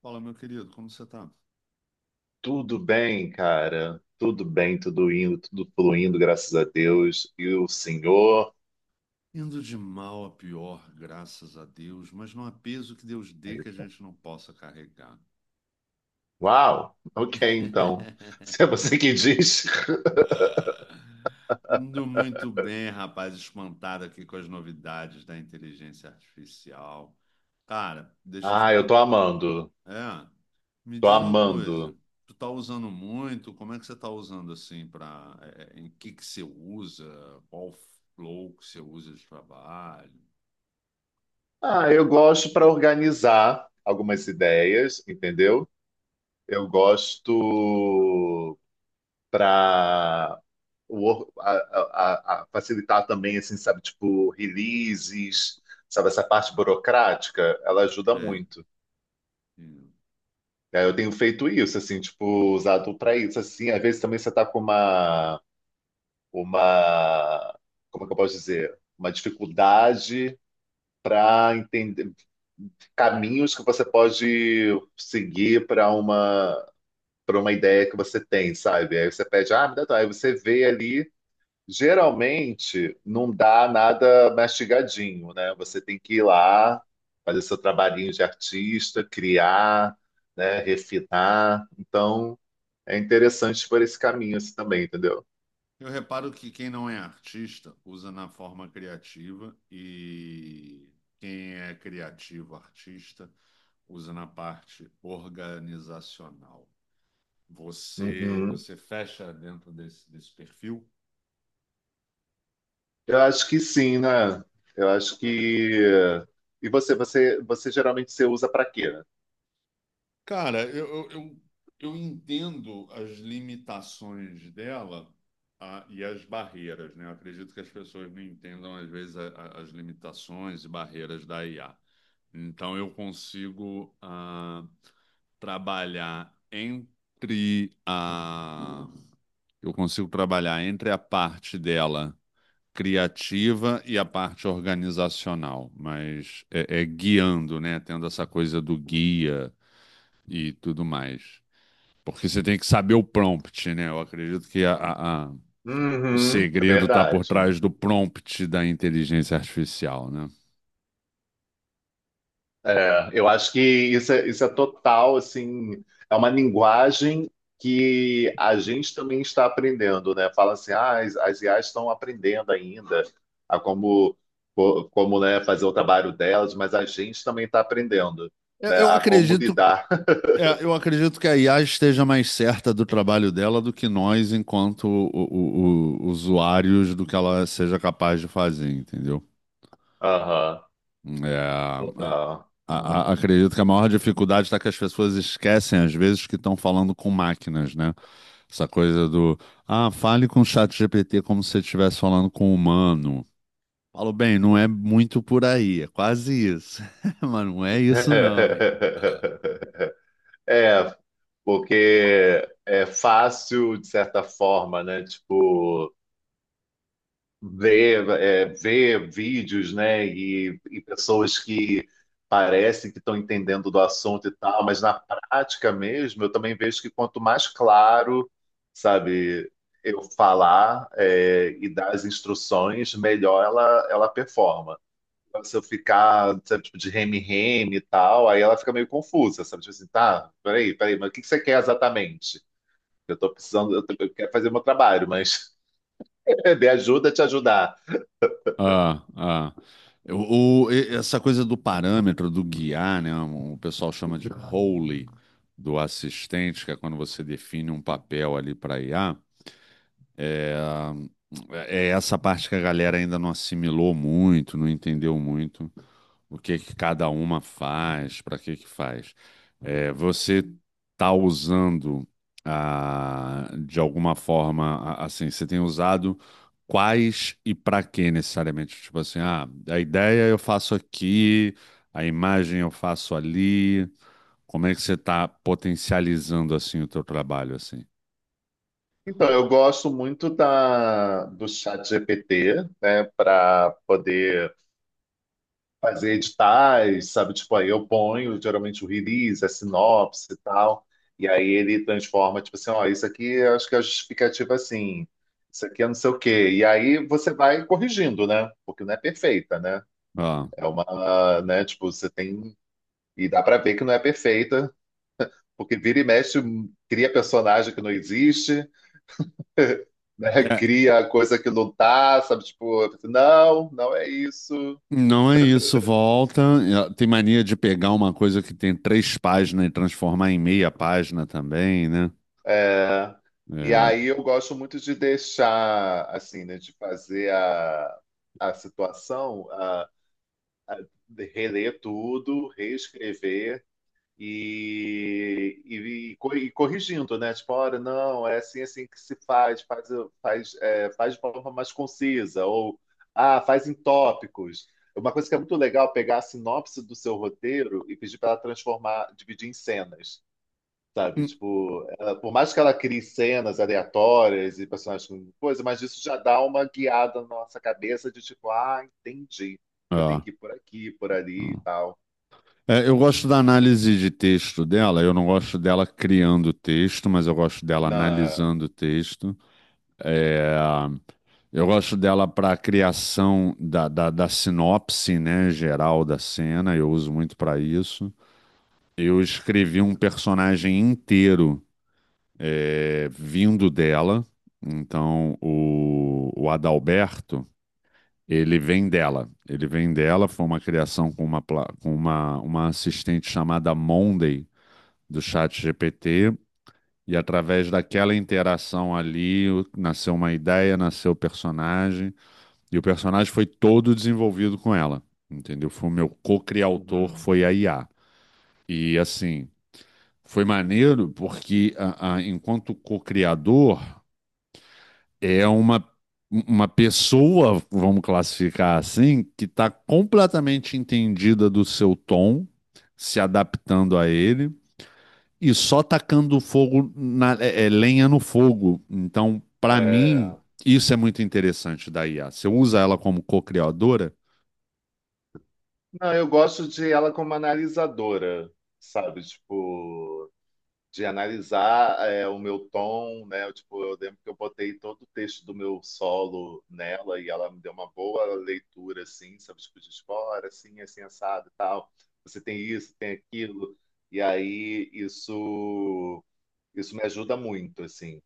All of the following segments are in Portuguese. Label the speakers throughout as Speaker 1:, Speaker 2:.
Speaker 1: Fala, meu querido, como você tá?
Speaker 2: Tudo bem, cara. Tudo bem, tudo indo, tudo fluindo, graças a Deus. E o Senhor?
Speaker 1: Indo de mal a pior, graças a Deus, mas não há peso que Deus dê que a gente não possa carregar.
Speaker 2: Uau! Ok, então. Se é você que diz.
Speaker 1: Indo muito bem, rapaz, espantado aqui com as novidades da inteligência artificial. Cara, deixa eu te
Speaker 2: Ah, eu
Speaker 1: perguntar.
Speaker 2: tô amando.
Speaker 1: É, me
Speaker 2: Tô
Speaker 1: diz uma coisa.
Speaker 2: amando.
Speaker 1: Tu tá usando muito? Como é que você tá usando assim para em que você usa? Qual flow que você usa de trabalho?
Speaker 2: Ah, eu gosto para organizar algumas ideias, entendeu? Eu gosto para facilitar também, assim, sabe, tipo, releases, sabe, essa parte burocrática, ela ajuda
Speaker 1: É,
Speaker 2: muito. Aí eu tenho feito isso, assim, tipo, usado para isso, assim. Às vezes também você tá com uma, como é que eu posso dizer? Uma dificuldade para entender caminhos que você pode seguir para uma ideia que você tem, sabe? Aí você pede, ah, me dá, tua. Aí você vê ali. Geralmente não dá nada mastigadinho, né? Você tem que ir lá, fazer seu trabalhinho de artista, criar, né? Refinar. Então. É interessante por esse caminho assim também, entendeu?
Speaker 1: Eu reparo que quem não é artista usa na forma criativa e quem é criativo, artista, usa na parte organizacional. Você,
Speaker 2: Uhum.
Speaker 1: você fecha dentro desse perfil?
Speaker 2: Eu acho que sim, né? Eu acho que. E você geralmente você usa para quê? Né?
Speaker 1: Cara, eu entendo as limitações dela, e as barreiras, né? Eu acredito que as pessoas não entendam, às vezes, as limitações e barreiras da IA. Então, eu consigo trabalhar entre Eu consigo trabalhar entre a parte dela criativa e a parte organizacional, mas é guiando, né? Tendo essa coisa do guia e tudo mais. Porque você tem que saber o prompt, né? Eu acredito que o
Speaker 2: Uhum, é
Speaker 1: segredo está por
Speaker 2: verdade.
Speaker 1: trás do prompt da inteligência artificial, né?
Speaker 2: É, eu acho que isso é total, assim, é uma linguagem que a gente também está aprendendo, né? Fala assim, ah, as IAs estão aprendendo ainda a como, como, né, fazer o trabalho delas, mas a gente também está aprendendo,
Speaker 1: Eu,
Speaker 2: né,
Speaker 1: eu
Speaker 2: a como
Speaker 1: acredito,
Speaker 2: lidar.
Speaker 1: eu acredito que a IA esteja mais certa do trabalho dela do que nós, enquanto usuários, do que ela seja capaz de fazer, entendeu?
Speaker 2: Aham.
Speaker 1: É, a-
Speaker 2: Total. Hum.
Speaker 1: Acredito que a maior dificuldade está que as pessoas esquecem, às vezes, que estão falando com máquinas, né? Essa coisa ah, fale com o chat GPT como se você estivesse falando com um humano. Falo, bem, não é muito por aí, é quase isso. Mas não é isso, não, hein?
Speaker 2: É, porque é fácil, de certa forma, né? Tipo, ver, é, ver vídeos, né? E pessoas que parecem que estão entendendo do assunto e tal, mas na prática mesmo, eu também vejo que quanto mais claro, sabe, eu falar, é, e dar as instruções, melhor ela performa. Se eu ficar, sabe, tipo, de reme-reme e tal, aí ela fica meio confusa, sabe? Tipo assim, tá, peraí, peraí, mas o que que você quer exatamente? Eu tô precisando, eu quero fazer o meu trabalho, mas de ajuda a te ajudar.
Speaker 1: Ah, ah. Essa coisa do parâmetro, do guiar, né? O pessoal chama de role do assistente, que é quando você define um papel ali para IA. É, é essa parte que a galera ainda não assimilou muito, não entendeu muito o que que cada uma faz, para que que faz. É, você tá usando de alguma forma, assim, você tem usado quais e para que necessariamente? Tipo assim, ah, a ideia eu faço aqui, a imagem eu faço ali. Como é que você está potencializando assim o teu trabalho assim?
Speaker 2: Então, eu gosto muito da, do chat GPT, né, para poder fazer editais, sabe? Tipo, aí eu ponho geralmente o release, a sinopse e tal, e aí ele transforma, tipo assim, ó, isso aqui eu acho que é a justificativa assim, isso aqui é não sei o quê. E aí você vai corrigindo, né? Porque não é perfeita, né?
Speaker 1: Ah.
Speaker 2: É uma, né? Tipo, você tem. E dá pra ver que não é perfeita, porque vira e mexe, cria personagem que não existe, né? Cria coisa que não tá, sabe? Tipo, não, não é isso.
Speaker 1: Não é isso, volta. Tem mania de pegar uma coisa que tem 3 páginas e transformar em meia página também, né?
Speaker 2: É, e
Speaker 1: É.
Speaker 2: aí eu gosto muito de deixar, assim, né, de fazer a, situação, a reler tudo, reescrever e corrigindo, né? Tipo, olha, não, é assim, assim que se faz, faz, faz, é, faz de forma mais concisa, ou, ah, faz em tópicos. Uma coisa que é muito legal é pegar a sinopse do seu roteiro e pedir para ela transformar, dividir em cenas. Sabe,
Speaker 1: Hum.
Speaker 2: tipo, por mais que ela crie cenas aleatórias e personagens com coisa, mas isso já dá uma guiada na nossa cabeça de tipo, ah, entendi. Eu tenho
Speaker 1: É.
Speaker 2: que ir por aqui, por ali e
Speaker 1: Hum.
Speaker 2: tal.
Speaker 1: É, eu gosto da análise de texto dela, eu não gosto dela criando texto, mas eu gosto dela
Speaker 2: Não, é.
Speaker 1: analisando o texto. É, eu gosto dela para a criação da sinopse, né, geral da cena, eu uso muito para isso. Eu escrevi um personagem inteiro vindo dela. Então, o Adalberto, ele vem dela. Ele vem dela, foi uma criação com uma, pla- com uma assistente chamada Monday, do chat GPT. E através daquela interação ali, nasceu uma ideia, nasceu o personagem. E o personagem foi todo desenvolvido com ela, entendeu? Foi o meu co-criador,
Speaker 2: Uhum.
Speaker 1: foi a IA. E assim foi maneiro porque, enquanto co-criador, é uma pessoa, vamos classificar assim, que está completamente entendida do seu tom, se adaptando a ele e só tacando fogo na, lenha no fogo. Então, para mim,
Speaker 2: É.
Speaker 1: isso é muito interessante da IA. Você usa ela como co-criadora?
Speaker 2: Não, eu gosto de ela como analisadora, sabe? Tipo, de analisar é, o meu tom, né? Eu, tipo, eu lembro que eu botei todo o texto do meu solo nela e ela me deu uma boa leitura, assim, sabe? Tipo, de fora, assim, assim, assado e tal. Você tem isso, tem aquilo. E aí, isso me ajuda muito, assim.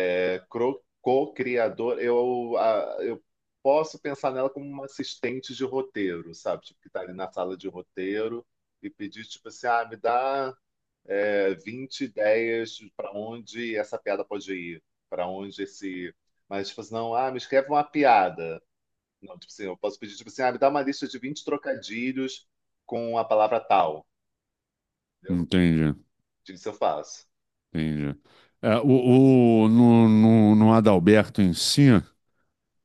Speaker 2: É, co-criador, eu posso pensar nela como uma assistente de roteiro, sabe? Tipo, que tá ali na sala de roteiro e pedir, tipo assim, ah, me dá é, 20 ideias para onde essa piada pode ir, para onde esse. Mas, tipo assim, não, ah, me escreve uma piada. Não, tipo assim, eu posso pedir, tipo assim, ah, me dá uma lista de 20 trocadilhos com a palavra tal, entendeu?
Speaker 1: Entendi,
Speaker 2: Isso eu faço.
Speaker 1: entendi. É, o, no, no, no Adalberto em si,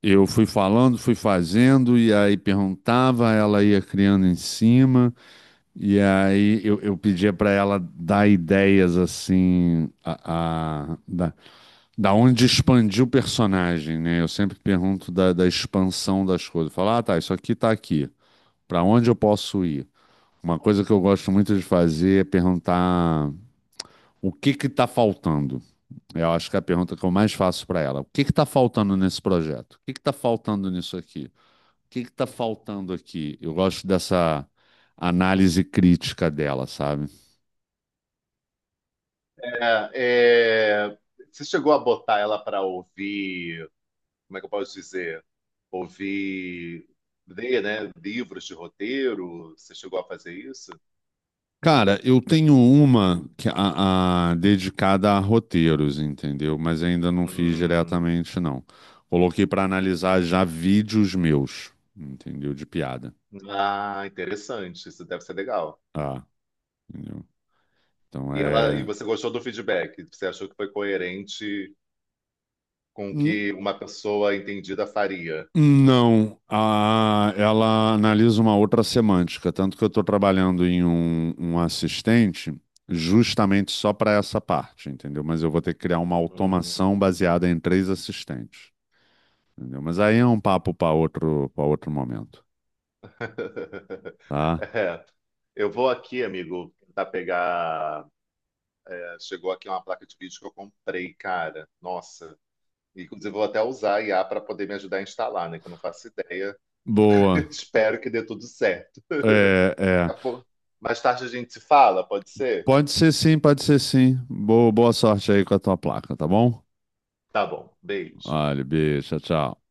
Speaker 1: eu fui falando, fui fazendo, e aí perguntava, ela ia criando em cima, e aí eu pedia para ela dar ideias assim, da, da onde expandir o personagem, né? Eu sempre pergunto da expansão das coisas. Falar, ah, tá, isso aqui tá aqui, para onde eu posso ir? Uma coisa que eu gosto muito de fazer é perguntar o que que tá faltando. Eu acho que é a pergunta que eu mais faço para ela. O que que tá faltando nesse projeto? O que que tá faltando nisso aqui? Que tá faltando aqui? Eu gosto dessa análise crítica dela, sabe?
Speaker 2: É. É. Você chegou a botar ela para ouvir, como é que eu posso dizer? Ouvir, ler, né? Livros de roteiro? Você chegou a fazer isso?
Speaker 1: Cara, eu tenho uma que dedicada a roteiros, entendeu? Mas ainda não fiz
Speaker 2: Hum.
Speaker 1: diretamente, não. Coloquei para analisar já vídeos meus, entendeu? De piada.
Speaker 2: Ah, interessante. Isso deve ser legal.
Speaker 1: Ah, entendeu? Então
Speaker 2: E ela, e
Speaker 1: é.
Speaker 2: você gostou do feedback? Você achou que foi coerente com o que uma pessoa entendida faria?
Speaker 1: Não, ela analisa uma outra semântica, tanto que eu estou trabalhando em um assistente justamente só para essa parte, entendeu? Mas eu vou ter que criar uma
Speaker 2: Hum.
Speaker 1: automação baseada em 3 assistentes, entendeu? Mas aí é um papo para outro momento, tá?
Speaker 2: É. Eu vou aqui, amigo, tentar pegar. Chegou aqui uma placa de vídeo que eu comprei, cara. Nossa. E, inclusive, vou até usar a IA para poder me ajudar a instalar, né? Que eu não faço ideia.
Speaker 1: Boa.
Speaker 2: Espero que dê tudo certo.
Speaker 1: É, é.
Speaker 2: Tá bom? Mais tarde a gente se fala, pode ser?
Speaker 1: Pode ser sim, pode ser sim. Boa, boa sorte aí com a tua placa, tá bom?
Speaker 2: Tá bom. Beijo.
Speaker 1: Olha, beijo, tchau, tchau.